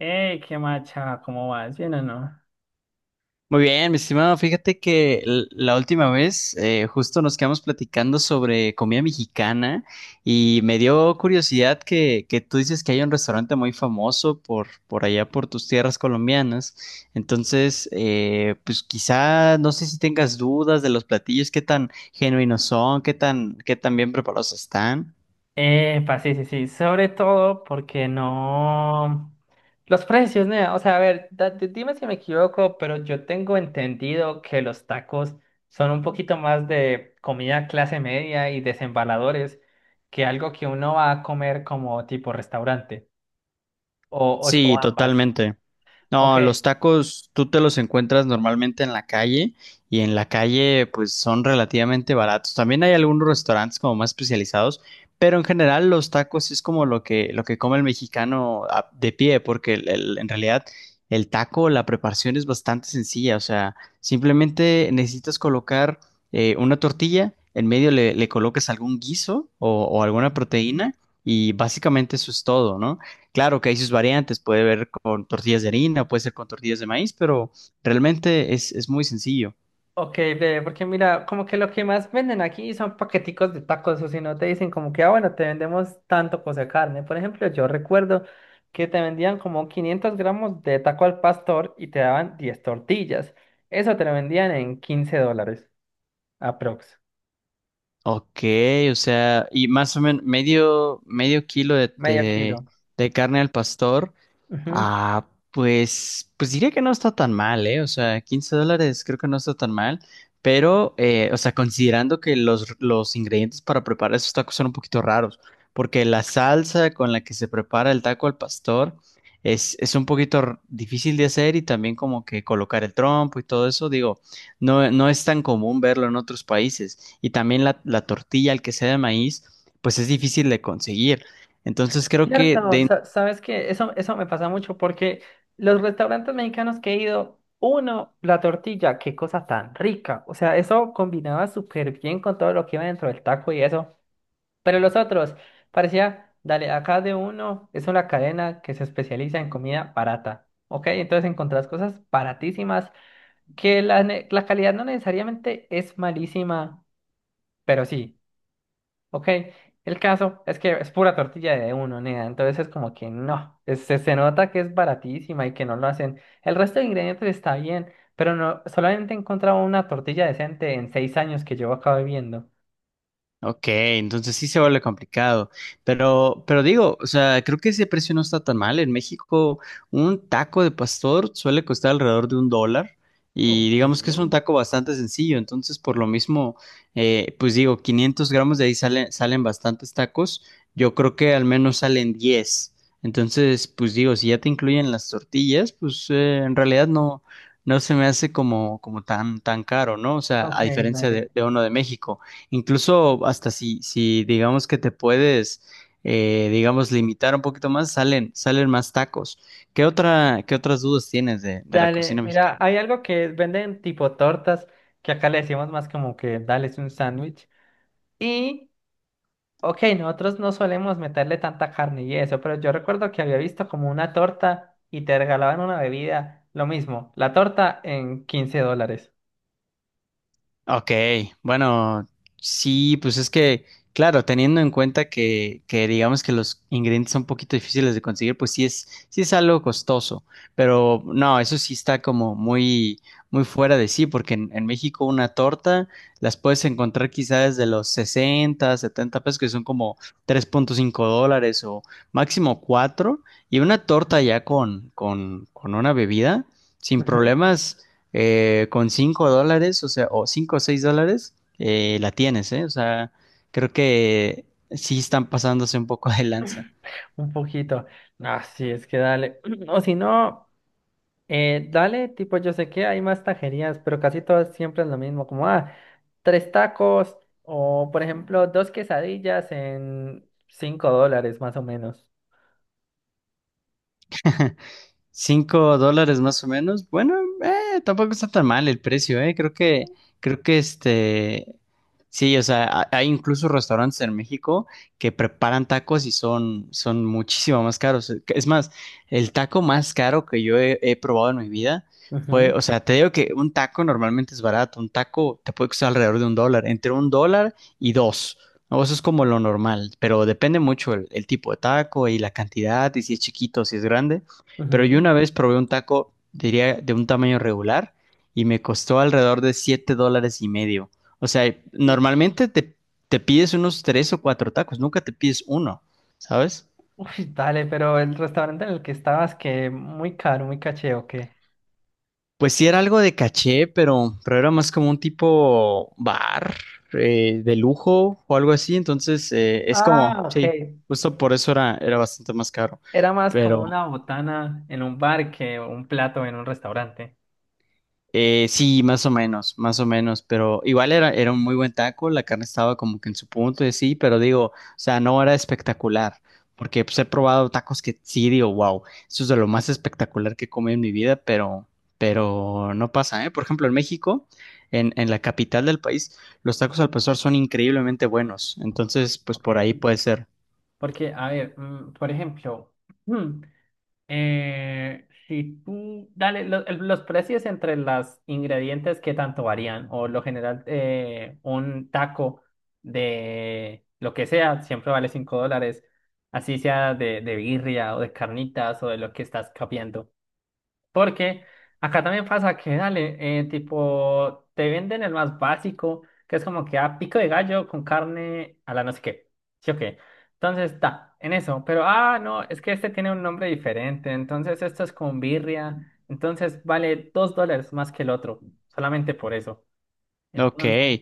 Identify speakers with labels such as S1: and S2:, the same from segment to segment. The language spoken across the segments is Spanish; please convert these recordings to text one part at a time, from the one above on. S1: Qué macha, ¿cómo vas? ¿Bien o no?
S2: Muy bien, mi estimado, fíjate que la última vez, justo nos quedamos platicando sobre comida mexicana y me dio curiosidad que tú dices que hay un restaurante muy famoso por allá, por tus tierras colombianas. Entonces, pues quizá no sé si tengas dudas de los platillos, qué tan genuinos son, qué tan bien preparados están.
S1: Epa, sí, sí, sí. Sobre todo porque no. Los precios, ¿no? O sea, a ver, dime si me equivoco, pero yo tengo entendido que los tacos son un poquito más de comida clase media y desembaladores que algo que uno va a comer como tipo restaurante o
S2: Sí,
S1: ambas.
S2: totalmente.
S1: Ok.
S2: No, los tacos tú te los encuentras normalmente en la calle y en la calle pues son relativamente baratos. También hay algunos restaurantes como más especializados, pero en general los tacos es como lo que come el mexicano de pie, porque en realidad el taco, la preparación es bastante sencilla, o sea, simplemente necesitas colocar, una tortilla, en medio le colocas algún guiso o alguna proteína y básicamente eso es todo, ¿no? Claro que hay sus variantes, puede ver con tortillas de harina, puede ser con tortillas de maíz, pero realmente es muy sencillo.
S1: Ok, ve, porque mira, como que lo que más venden aquí son paqueticos de tacos, o si no te dicen como que, ah, bueno, te vendemos tanto cosa de carne. Por ejemplo, yo recuerdo que te vendían como 500 gramos de taco al pastor y te daban 10 tortillas. Eso te lo vendían en 15 dólares, aprox,
S2: Ok, o sea, y más o menos medio kilo
S1: medio kilo.
S2: de carne al pastor.
S1: Ujú.
S2: Ah, pues, pues diría que no está tan mal, ¿eh? O sea, $15 creo que no está tan mal, pero, o sea, considerando que los ingredientes para preparar esos tacos son un poquito raros, porque la salsa con la que se prepara el taco al pastor es un poquito difícil de hacer y también como que colocar el trompo y todo eso, digo, no, no es tan común verlo en otros países y también la tortilla, el que sea de maíz, pues es difícil de conseguir. Entonces creo que
S1: Cierto,
S2: de.
S1: sabes que eso me pasa mucho porque los restaurantes mexicanos que he ido, uno, la tortilla, qué cosa tan rica. O sea, eso combinaba súper bien con todo lo que iba dentro del taco y eso. Pero los otros, parecía, dale, acá de uno es una cadena que se especializa en comida barata. Ok, entonces encontrás cosas baratísimas que la calidad no necesariamente es malísima, pero sí. Ok, el caso es que es pura tortilla de uno, nea. Entonces es como que no, se nota que es baratísima y que no lo hacen. El resto de ingredientes está bien, pero no, solamente he encontrado una tortilla decente en 6 años que llevo acá viviendo.
S2: Ok, entonces sí se vuelve complicado, pero digo, o sea, creo que ese precio no está tan mal. En México, un taco de pastor suele costar alrededor de $1 y
S1: Ok.
S2: digamos que es un taco bastante sencillo, entonces por lo mismo, pues digo, 500 gramos de ahí salen bastantes tacos, yo creo que al menos salen 10. Entonces pues digo, si ya te incluyen las tortillas, pues, en realidad no, no se me hace como, como tan, tan caro, ¿no? O sea,
S1: Ok,
S2: a diferencia
S1: dale.
S2: de uno de México. Incluso hasta si digamos que te puedes, digamos, limitar un poquito más, salen más tacos. ¿Qué otra, qué otras dudas tienes de la
S1: Dale,
S2: cocina
S1: mira,
S2: mexicana?
S1: hay algo que venden tipo tortas, que acá le decimos más como que dale es un sándwich. Y ok, nosotros no solemos meterle tanta carne y eso, pero yo recuerdo que había visto como una torta y te regalaban una bebida, lo mismo, la torta en 15 dólares.
S2: Ok, bueno, sí, pues es que, claro, teniendo en cuenta que digamos que los ingredientes son un poquito difíciles de conseguir, pues sí sí es algo costoso, pero no, eso sí está como muy, muy fuera de sí, porque en México una torta las puedes encontrar quizás desde los 60, 70 pesos, que son como $3.5 o máximo 4 y una torta ya con una bebida, sin
S1: Ujú.
S2: problemas, con $5, o sea, o 5 o 6 dólares, la tienes, ¿eh? O sea, creo que sí están pasándose un poco de lanza.
S1: Un poquito. Ah, sí, es que dale. O si no, dale, tipo, yo sé que hay más tajerías, pero casi todas siempre es lo mismo, como, ah, tres tacos o, por ejemplo, dos quesadillas en 5 dólares más o menos.
S2: $5 más o menos. Bueno, tampoco está tan mal el precio, eh. Creo creo que este, sí, o sea, hay incluso restaurantes en México que preparan tacos y son muchísimo más caros. Es más, el taco más caro que yo he probado en mi vida fue,
S1: Ujú.
S2: o sea, te digo que un taco normalmente es barato. Un taco te puede costar alrededor de un dólar, entre $1 y dos, ¿no? Eso es como lo normal, pero depende mucho el tipo de taco y la cantidad y si es chiquito, o si es grande. Pero yo una vez probé un taco, diría, de un tamaño regular y me costó alrededor de $7.50. O sea,
S1: Ujú.
S2: normalmente te pides unos 3 o 4 tacos, nunca te pides uno, ¿sabes?
S1: Uy, dale, pero el restaurante en el que estabas, que muy caro, muy caché, ¿o qué?
S2: Pues sí era algo de caché, pero era más como un tipo bar de lujo o algo así. Entonces, es
S1: Ah,
S2: como,
S1: ok.
S2: sí, justo por eso era bastante más caro.
S1: Era más como una botana en un bar que un plato en un restaurante.
S2: Sí, más o menos, pero igual era un muy buen taco, la carne estaba como que en su punto y sí, pero digo, o sea, no era espectacular, porque pues he probado tacos que sí digo, wow, eso es de lo más espectacular que he comido en mi vida, pero no pasa, ¿eh? Por ejemplo, en México, en la capital del país, los tacos al pastor son increíblemente buenos, entonces, pues por ahí
S1: Ok.
S2: puede ser.
S1: Porque, a ver, por ejemplo, mm, si tú, dale, los precios entre los ingredientes, ¿qué tanto varían? O lo general, un taco de lo que sea, siempre vale 5 dólares, así sea de birria o de carnitas o de lo que estás capeando. Porque acá también pasa que, dale, tipo, te venden el más básico, que es como que a pico de gallo con carne a la no sé qué. ¿Sí o qué? Entonces, está, en eso. Pero, ah, no, es que este tiene un nombre diferente. Entonces, esto es con birria. Entonces, vale 2 dólares más que el otro, solamente por eso.
S2: Ok.
S1: Entonces,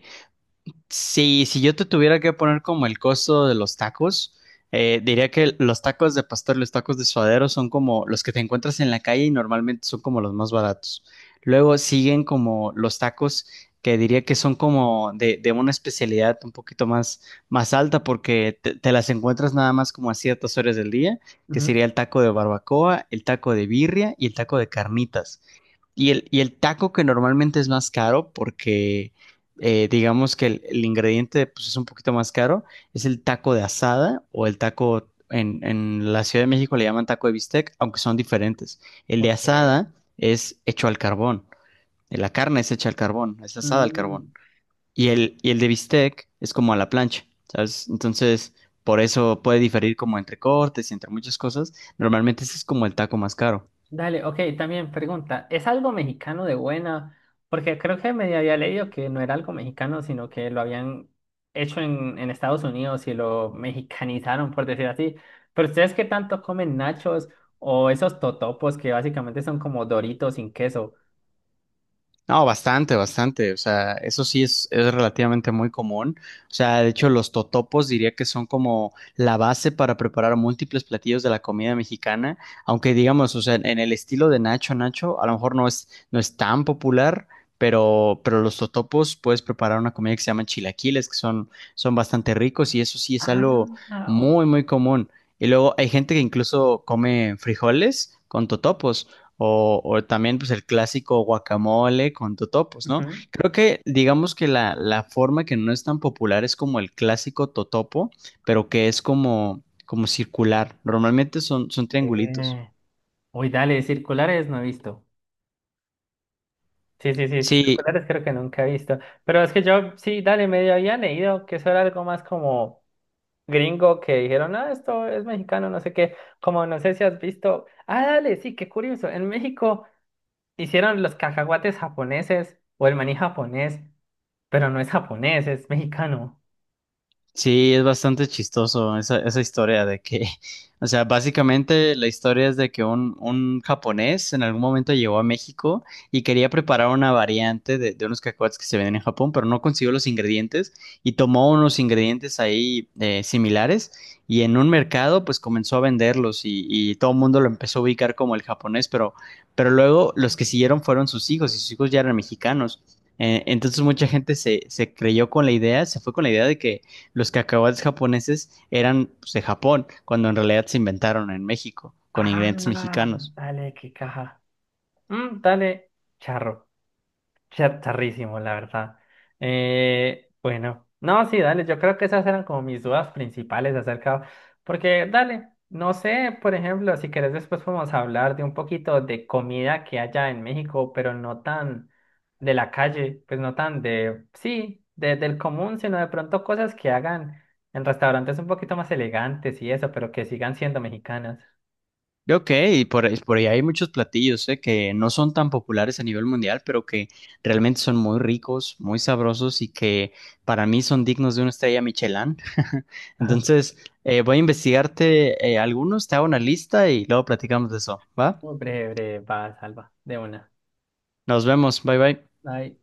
S2: Sí, si yo te tuviera que poner como el costo de los tacos, diría que los tacos de pastor, y los tacos de suadero son como los que te encuentras en la calle y normalmente son como los más baratos. Luego siguen como los tacos que diría que son como de una especialidad un poquito más, más alta porque te las encuentras nada más como a ciertas horas del día, que
S1: ujú,
S2: sería el taco de barbacoa, el taco de birria y el taco de carnitas. Y el taco que normalmente es más caro porque, digamos que el ingrediente pues, es un poquito más caro, es el taco de asada o el taco en la Ciudad de México le llaman taco de bistec, aunque son diferentes. El de
S1: ok.
S2: asada es hecho al carbón, la carne es hecha al carbón, es asada al carbón.
S1: mm,
S2: Y el de bistec es como a la plancha, ¿sabes? Entonces, por eso puede diferir como entre cortes y entre muchas cosas. Normalmente ese es como el taco más caro.
S1: Dale, ok, también pregunta, ¿es algo mexicano de buena? Porque creo que medio había leído que no era algo mexicano, sino que lo habían hecho en Estados Unidos y lo mexicanizaron, por decir así. Pero ¿ustedes qué tanto comen nachos o esos totopos que básicamente son como doritos sin queso?
S2: No, bastante, bastante. O sea, eso sí es relativamente muy común. O sea, de hecho, los totopos diría que son como la base para preparar múltiples platillos de la comida mexicana. Aunque digamos, o sea, en el estilo de Nacho Nacho, a lo mejor no es tan popular, pero los totopos puedes preparar una comida que se llama chilaquiles, que son bastante ricos, y eso sí es
S1: Ah,
S2: algo
S1: o-
S2: muy, muy común. Y luego hay gente que incluso come frijoles con totopos. O también pues el clásico guacamole con totopos, ¿no?
S1: ujú.
S2: Creo que digamos que la forma que no es tan popular es como el clásico totopo, pero que es como, como circular. Normalmente son triangulitos.
S1: Eh, Uy, dale, circulares no he visto. Sí, sí, sí,
S2: Sí,
S1: circulares creo que nunca he visto. Pero es que yo sí, dale, medio había leído que eso era algo más como gringo que dijeron, ah, esto es mexicano, no sé qué, como no sé si has visto, ah, dale, sí, qué curioso, en México hicieron los cacahuates japoneses o el maní japonés, pero no es japonés, es mexicano.
S2: sí, es bastante chistoso esa, esa historia de que, o sea, básicamente la historia es de que un japonés en algún momento llegó a México y quería preparar una variante de unos cacahuates que se venden en Japón, pero no consiguió los ingredientes y tomó unos ingredientes ahí, similares y en un mercado pues comenzó a venderlos y todo el mundo lo empezó a ubicar como el japonés, pero luego los que siguieron fueron sus hijos y sus hijos ya eran mexicanos. Entonces mucha gente se creyó con la idea, se fue con la idea de que los cacahuates japoneses eran pues, de Japón, cuando en realidad se inventaron en México, con
S1: Ah,
S2: ingredientes mexicanos.
S1: dale, qué caja. Dale, charro. Charrísimo, la verdad. Bueno, no, sí, dale, yo creo que esas eran como mis dudas principales acerca, porque dale, no sé, por ejemplo, si querés después podemos hablar de un poquito de comida que haya en México, pero no tan de la calle, pues no tan de, sí, del común, sino de pronto cosas que hagan en restaurantes un poquito más elegantes y eso, pero que sigan siendo mexicanas.
S2: Ok, y por ahí hay muchos platillos, que no son tan populares a nivel mundial, pero que realmente son muy ricos, muy sabrosos y que para mí son dignos de una estrella Michelin.
S1: Ajá.
S2: Entonces, voy a investigarte, algunos, te hago una lista y luego platicamos de eso, ¿va?
S1: Breve, breve, va, salva, de una.
S2: Nos vemos, bye bye.
S1: Ay.